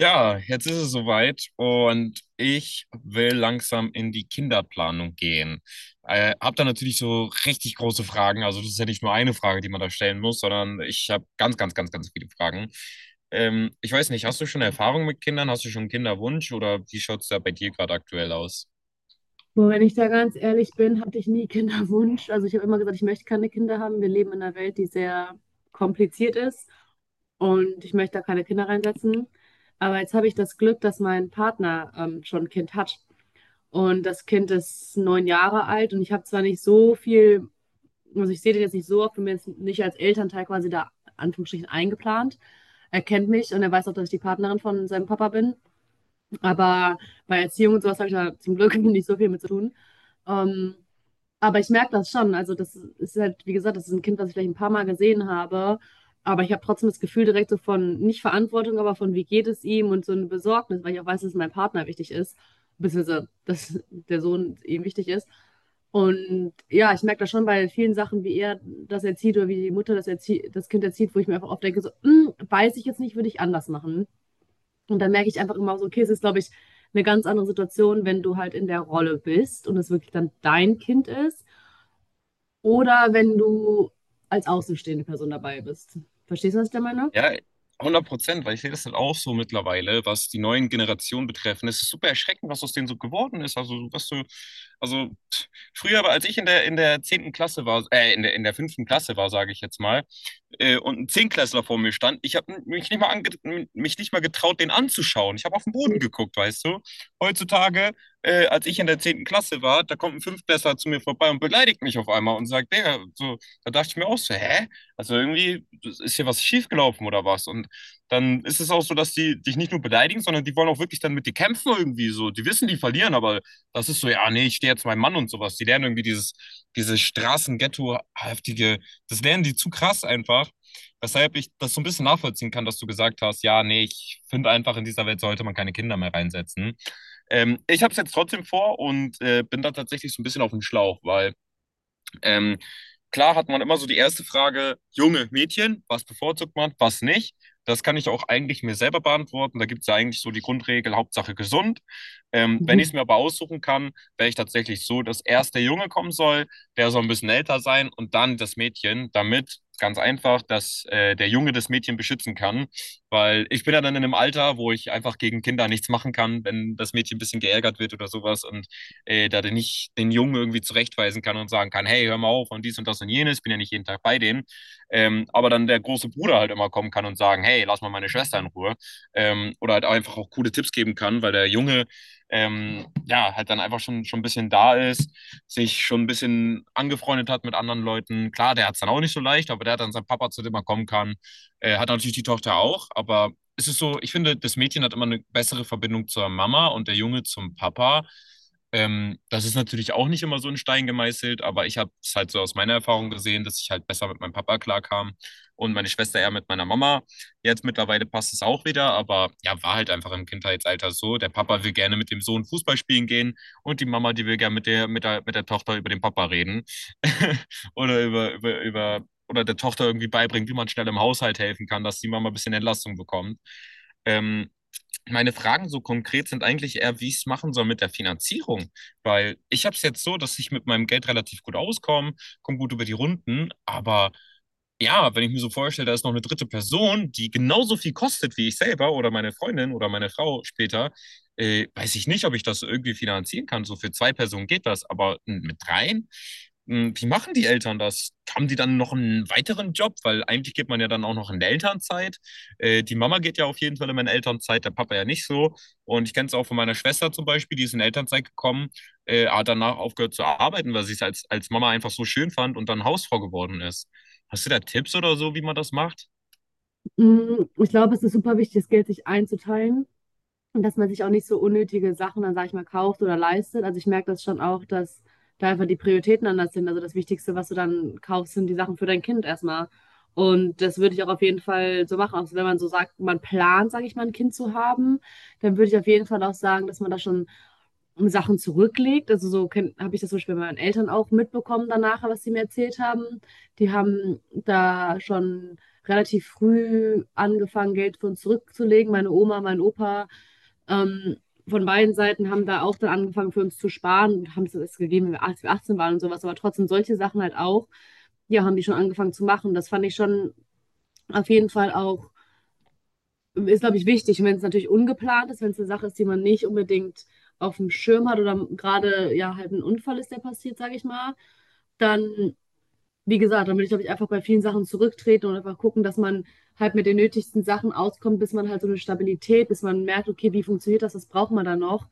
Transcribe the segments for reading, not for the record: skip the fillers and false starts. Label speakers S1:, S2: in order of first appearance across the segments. S1: Ja, jetzt ist es soweit und ich will langsam in die Kinderplanung gehen. Hab da natürlich so richtig große Fragen. Also das ist ja nicht nur eine Frage, die man da stellen muss, sondern ich habe ganz, ganz, ganz, ganz viele Fragen. Ich weiß nicht, hast du schon Erfahrung mit Kindern? Hast du schon einen Kinderwunsch oder wie schaut es da bei dir gerade aktuell aus?
S2: Boah, wenn ich da ganz ehrlich bin, hatte ich nie Kinderwunsch. Also ich habe immer gesagt, ich möchte keine Kinder haben. Wir leben in einer Welt, die sehr kompliziert ist und ich möchte da keine Kinder reinsetzen. Aber jetzt habe ich das Glück, dass mein Partner schon ein Kind hat. Und das Kind ist 9 Jahre alt und ich habe zwar nicht so viel, also ich sehe den jetzt nicht so oft und bin jetzt nicht als Elternteil quasi da in Anführungsstrichen eingeplant. Er kennt mich und er weiß auch, dass ich die Partnerin von seinem Papa bin. Aber bei Erziehung und sowas habe ich da zum Glück nicht so viel mit zu tun. Ähm, aber ich merke das schon. Also, das ist halt, wie gesagt, das ist ein Kind, was ich vielleicht ein paar Mal gesehen habe. Aber ich habe trotzdem das Gefühl direkt so von, nicht Verantwortung, aber von, wie geht es ihm und so eine Besorgnis, weil ich auch weiß, dass mein Partner wichtig ist, beziehungsweise, dass der Sohn ihm wichtig ist. Und ja, ich merke das schon bei vielen Sachen, wie er das erzieht oder wie die Mutter das, erzie das Kind erzieht, wo ich mir einfach oft denke, so, "Mm, weiß ich jetzt nicht, würde ich anders machen." Und dann merke ich einfach immer so, okay, es ist, glaube ich, eine ganz andere Situation, wenn du halt in der Rolle bist und es wirklich dann dein Kind ist oder wenn du als außenstehende Person dabei bist. Verstehst du, was ich da meine?
S1: Ja, 100%, weil ich sehe das halt auch so mittlerweile, was die neuen Generationen betreffen. Es ist super erschreckend, was aus denen so geworden ist. Also, was du, also früher, aber als ich in der zehnten Klasse war, in der fünften Klasse war, sage ich jetzt mal, und ein Zehnklässler vor mir stand. Ich habe mich nicht mal getraut, den anzuschauen. Ich habe auf den Boden geguckt, weißt du. Heutzutage, als ich in der zehnten Klasse war, da kommt ein Fünftklässler zu mir vorbei und beleidigt mich auf einmal und sagt, Digga, so, da dachte ich mir auch so, hä? Also irgendwie ist hier was schiefgelaufen oder was? Und dann ist es auch so, dass die dich nicht nur beleidigen, sondern die wollen auch wirklich dann mit dir kämpfen irgendwie so. Die wissen, die verlieren, aber das ist so, ja, nee, ich stehe jetzt mein Mann und sowas. Die lernen irgendwie diese Straßenghetto-haftige, das lernen die zu krass einfach, weshalb ich das so ein bisschen nachvollziehen kann, dass du gesagt hast, ja, nee, ich finde einfach, in dieser Welt sollte man keine Kinder mehr reinsetzen. Ich habe es jetzt trotzdem vor und bin da tatsächlich so ein bisschen auf dem Schlauch, weil ähm, klar hat man immer so die erste Frage, junge Mädchen, was bevorzugt man, was nicht. Das kann ich auch eigentlich mir selber beantworten. Da gibt es ja eigentlich so die Grundregel, Hauptsache gesund. Wenn ich es
S2: Mhm.
S1: mir aber aussuchen kann, wäre ich tatsächlich so, dass erst der Junge kommen soll, der soll ein bisschen älter sein und dann das Mädchen, damit ganz einfach, dass der Junge das Mädchen beschützen kann. Weil ich bin ja dann in einem Alter, wo ich einfach gegen Kinder nichts machen kann, wenn das Mädchen ein bisschen geärgert wird oder sowas. Und da den nicht den Jungen irgendwie zurechtweisen kann und sagen kann, hey, hör mal auf und dies und das und jenes, ich bin ja nicht jeden Tag bei dem. Aber dann der große Bruder halt immer kommen kann und sagen, hey, lass mal meine Schwester in Ruhe. Oder halt einfach auch coole Tipps geben kann, weil der Junge ja halt dann einfach schon ein bisschen da ist, sich schon ein bisschen angefreundet hat mit anderen Leuten. Klar, der hat es dann auch nicht so leicht, aber der hat dann seinen Papa, zu dem er kommen kann. Hat natürlich die Tochter auch, aber es ist so, ich finde, das Mädchen hat immer eine bessere Verbindung zur Mama und der Junge zum Papa. Das ist natürlich auch nicht immer so in Stein gemeißelt, aber ich habe es halt so aus meiner Erfahrung gesehen, dass ich halt besser mit meinem Papa klarkam und meine Schwester eher mit meiner Mama. Jetzt mittlerweile passt es auch wieder, aber ja, war halt einfach im Kindheitsalter so. Der Papa will gerne mit dem Sohn Fußball spielen gehen und die Mama, die will gerne mit der Tochter über den Papa reden oder über, über, über, oder der Tochter irgendwie beibringen, wie man schnell im Haushalt helfen kann, dass die Mama ein bisschen Entlastung bekommt. Ähm, meine Fragen so konkret sind eigentlich eher, wie ich es machen soll mit der Finanzierung. Weil ich habe es jetzt so, dass ich mit meinem Geld relativ gut auskomme, komme gut über die Runden, aber ja, wenn ich mir so vorstelle, da ist noch eine dritte Person, die genauso viel kostet wie ich selber oder meine Freundin oder meine Frau später, weiß ich nicht, ob ich das irgendwie finanzieren kann. So für zwei Personen geht das, aber mit dreien? Wie machen die Eltern das? Haben die dann noch einen weiteren Job? Weil eigentlich geht man ja dann auch noch in Elternzeit. Die Mama geht ja auf jeden Fall immer in Elternzeit, der Papa ja nicht so. Und ich kenne es auch von meiner Schwester zum Beispiel, die ist in Elternzeit gekommen, hat danach aufgehört zu arbeiten, weil sie es als Mama einfach so schön fand und dann Hausfrau geworden ist. Hast du da Tipps oder so, wie man das macht?
S2: Hm, ich glaube, es ist super wichtig, das Geld sich einzuteilen. Und dass man sich auch nicht so unnötige Sachen dann, sag ich mal, kauft oder leistet. Also ich merke das schon auch, dass da einfach die Prioritäten anders sind. Also das Wichtigste, was du dann kaufst, sind die Sachen für dein Kind erstmal. Und das würde ich auch auf jeden Fall so machen. Also wenn man so sagt, man plant, sage ich mal, ein Kind zu haben, dann würde ich auf jeden Fall auch sagen, dass man da schon Sachen zurücklegt. Also so habe ich das zum Beispiel bei meinen Eltern auch mitbekommen danach, was sie mir erzählt haben. Die haben da schon relativ früh angefangen, Geld für uns zurückzulegen. Meine Oma, mein Opa, ähm, von beiden Seiten haben da auch dann angefangen für uns zu sparen und haben es erst gegeben, wenn wir 18 waren und sowas. Aber trotzdem solche Sachen halt auch, ja, haben die schon angefangen zu machen. Das fand ich schon auf jeden Fall auch, ist, glaube ich, wichtig. Und wenn es natürlich ungeplant ist, wenn es eine Sache ist, die man nicht unbedingt auf dem Schirm hat oder gerade ja halt ein Unfall ist, der passiert, sage ich mal, dann wie gesagt, dann würde ich, glaube ich, einfach bei vielen Sachen zurücktreten und einfach gucken, dass man halt mit den nötigsten Sachen auskommt, bis man halt so eine Stabilität, bis man merkt, okay, wie funktioniert das, das braucht man dann noch?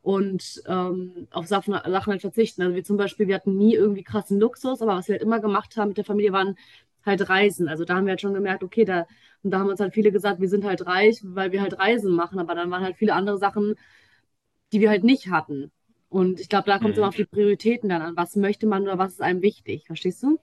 S2: Und auf Sachen halt verzichten. Also wir zum Beispiel, wir hatten nie irgendwie krassen Luxus, aber was wir halt immer gemacht haben mit der Familie, waren halt Reisen. Also da haben wir halt schon gemerkt, okay, da, und da haben uns halt viele gesagt, wir sind halt reich, weil wir halt Reisen machen, aber dann waren halt viele andere Sachen, die wir halt nicht hatten. Und ich glaube, da kommt es immer
S1: Mhm.
S2: auf die Prioritäten dann an. Was möchte man oder was ist einem wichtig? Verstehst du?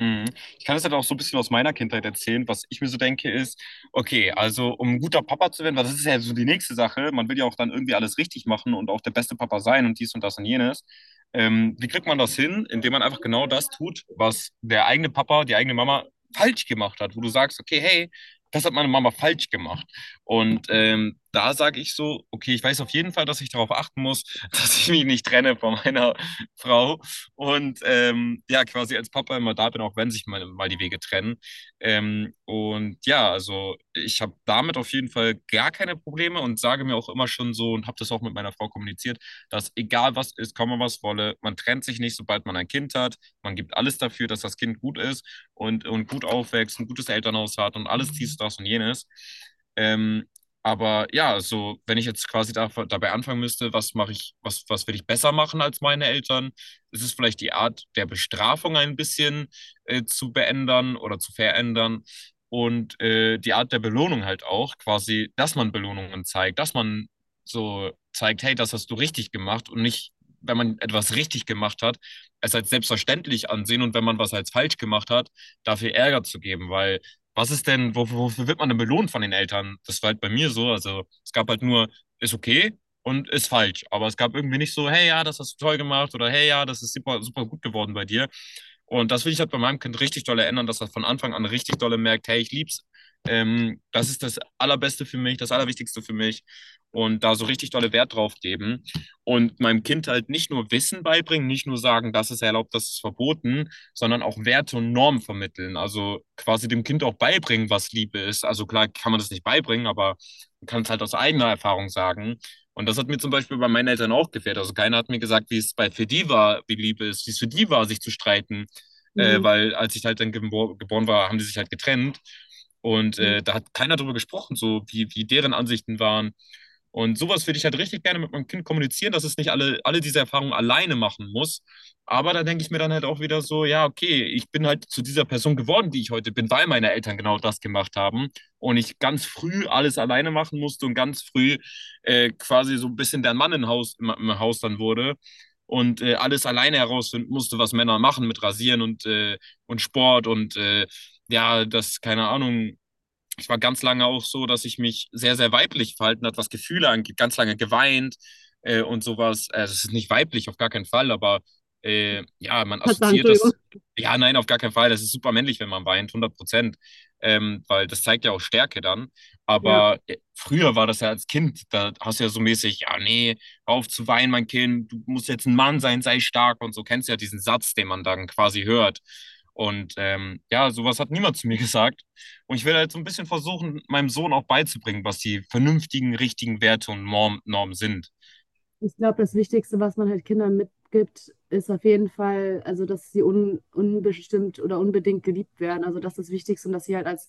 S1: Mhm. Ich kann das halt auch so ein bisschen aus meiner Kindheit erzählen. Was ich mir so denke, ist, okay, also um ein guter Papa zu werden, weil das ist ja so die nächste Sache. Man will ja auch dann irgendwie alles richtig machen und auch der beste Papa sein und dies und das und jenes. Wie kriegt man das hin? Indem man einfach genau das tut, was der eigene Papa, die eigene Mama falsch gemacht hat, wo du sagst, okay, hey, das hat meine Mama falsch gemacht. Und da sage ich so, okay, ich weiß auf jeden Fall, dass ich darauf achten muss, dass ich mich nicht trenne von meiner Frau und ja, quasi als Papa immer da bin, auch wenn sich mal die Wege trennen. Und ja, also ich habe damit auf jeden Fall gar keine Probleme und sage mir auch immer schon so und habe das auch mit meiner Frau kommuniziert, dass egal was ist, komme was wolle, man trennt sich nicht, sobald man ein Kind hat. Man gibt alles dafür, dass das Kind gut ist und gut aufwächst, ein gutes Elternhaus hat und alles dies, das und jenes. Ähm, aber ja, so wenn ich jetzt quasi dabei anfangen müsste, was mache ich, was will ich besser machen als meine Eltern? Ist es vielleicht die Art der Bestrafung ein bisschen zu beändern oder zu verändern? Und die Art der Belohnung halt auch, quasi, dass man Belohnungen zeigt, dass man so zeigt, hey, das hast du richtig gemacht und nicht, wenn man etwas richtig gemacht hat, es als selbstverständlich ansehen und wenn man was als falsch gemacht hat, dafür Ärger zu geben, weil was ist denn, wofür wird man denn belohnt von den Eltern? Das war halt bei mir so, also es gab halt nur, ist okay, und ist falsch. Aber es gab irgendwie nicht so, hey ja, das hast du toll gemacht oder hey ja, das ist super, super gut geworden bei dir. Und das will ich halt bei meinem Kind richtig doll ändern, dass er von Anfang an richtig dolle merkt, hey, ich lieb's. Das ist das Allerbeste für mich, das Allerwichtigste für mich. Und da so richtig dolle Wert drauf geben. Und meinem Kind halt nicht nur Wissen beibringen, nicht nur sagen, das ist erlaubt, das ist verboten, sondern auch Werte und Normen vermitteln. Also quasi dem Kind auch beibringen, was Liebe ist. Also klar kann man das nicht beibringen, aber man kann es halt aus eigener Erfahrung sagen. Und das hat mir zum Beispiel bei meinen Eltern auch gefehlt. Also keiner hat mir gesagt, wie es bei für die war, wie Liebe ist, wie es für die war, sich zu streiten,
S2: Mhm.
S1: weil als ich halt dann geboren war, haben die sich halt getrennt. Und
S2: Mhm.
S1: da hat keiner drüber gesprochen, so wie, wie deren Ansichten waren. Und sowas würde ich halt richtig gerne mit meinem Kind kommunizieren, dass es nicht alle diese Erfahrungen alleine machen muss. Aber da denke ich mir dann halt auch wieder so, ja, okay, ich bin halt zu dieser Person geworden, die ich heute bin, weil meine Eltern genau das gemacht haben und ich ganz früh alles alleine machen musste und ganz früh quasi so ein bisschen der Mann im Haus, im Haus dann wurde und alles alleine herausfinden musste, was Männer machen mit Rasieren und Sport und ja, das keine Ahnung, ich war ganz lange auch so, dass ich mich sehr, sehr weiblich verhalten hat, was Gefühle angeht, ganz lange geweint und sowas. Also es ist nicht weiblich, auf gar keinen Fall, aber ja, man
S2: Tatsache,
S1: assoziiert
S2: Entschuldigung.
S1: das, ja, nein, auf gar keinen Fall, das ist super männlich, wenn man weint, 100%, weil das zeigt ja auch Stärke dann.
S2: Ja.
S1: Aber früher war das ja als Kind, da hast du ja so mäßig, ja, nee, hör auf zu weinen, mein Kind, du musst jetzt ein Mann sein, sei stark und so, kennst du ja diesen Satz, den man dann quasi hört. Und ja, sowas hat niemand zu mir gesagt. Und ich will halt so ein bisschen versuchen, meinem Sohn auch beizubringen, was die vernünftigen, richtigen Werte und Normen sind.
S2: Ich glaube, das Wichtigste, was man halt Kindern mitgibt, ist auf jeden Fall, also dass sie un unbestimmt oder unbedingt geliebt werden. Also das ist das Wichtigste und dass sie halt als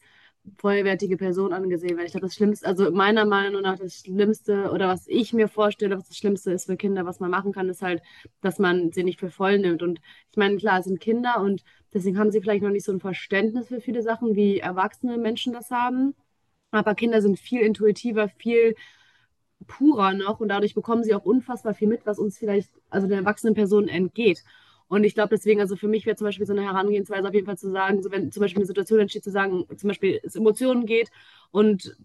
S2: vollwertige Person angesehen werden. Ich glaube, das Schlimmste, also meiner Meinung nach das Schlimmste oder was ich mir vorstelle, was das Schlimmste ist für Kinder, was man machen kann, ist halt, dass man sie nicht für voll nimmt. Und ich meine, klar, es sind Kinder und deswegen haben sie vielleicht noch nicht so ein Verständnis für viele Sachen, wie erwachsene Menschen das haben. Aber Kinder sind viel intuitiver, viel purer noch und dadurch bekommen sie auch unfassbar viel mit, was uns vielleicht, also den erwachsenen Personen entgeht. Und ich glaube deswegen, also für mich wäre zum Beispiel so eine Herangehensweise auf jeden Fall zu sagen, so wenn zum Beispiel eine Situation entsteht, zu sagen, zum Beispiel es Emotionen geht und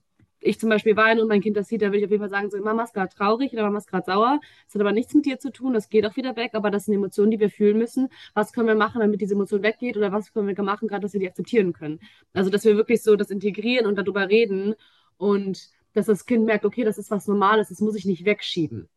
S2: ich zum Beispiel weine und mein Kind das sieht, dann würde ich auf jeden Fall sagen, so, Mama ist gerade traurig oder Mama ist gerade sauer. Das hat aber nichts mit dir zu tun, das geht auch wieder weg, aber das sind Emotionen, die wir fühlen müssen. Was können wir machen, damit diese Emotion weggeht oder was können wir machen, gerade dass wir die akzeptieren können? Also, dass wir wirklich so das integrieren und darüber reden und dass das Kind merkt, okay, das ist was Normales, das muss ich nicht wegschieben.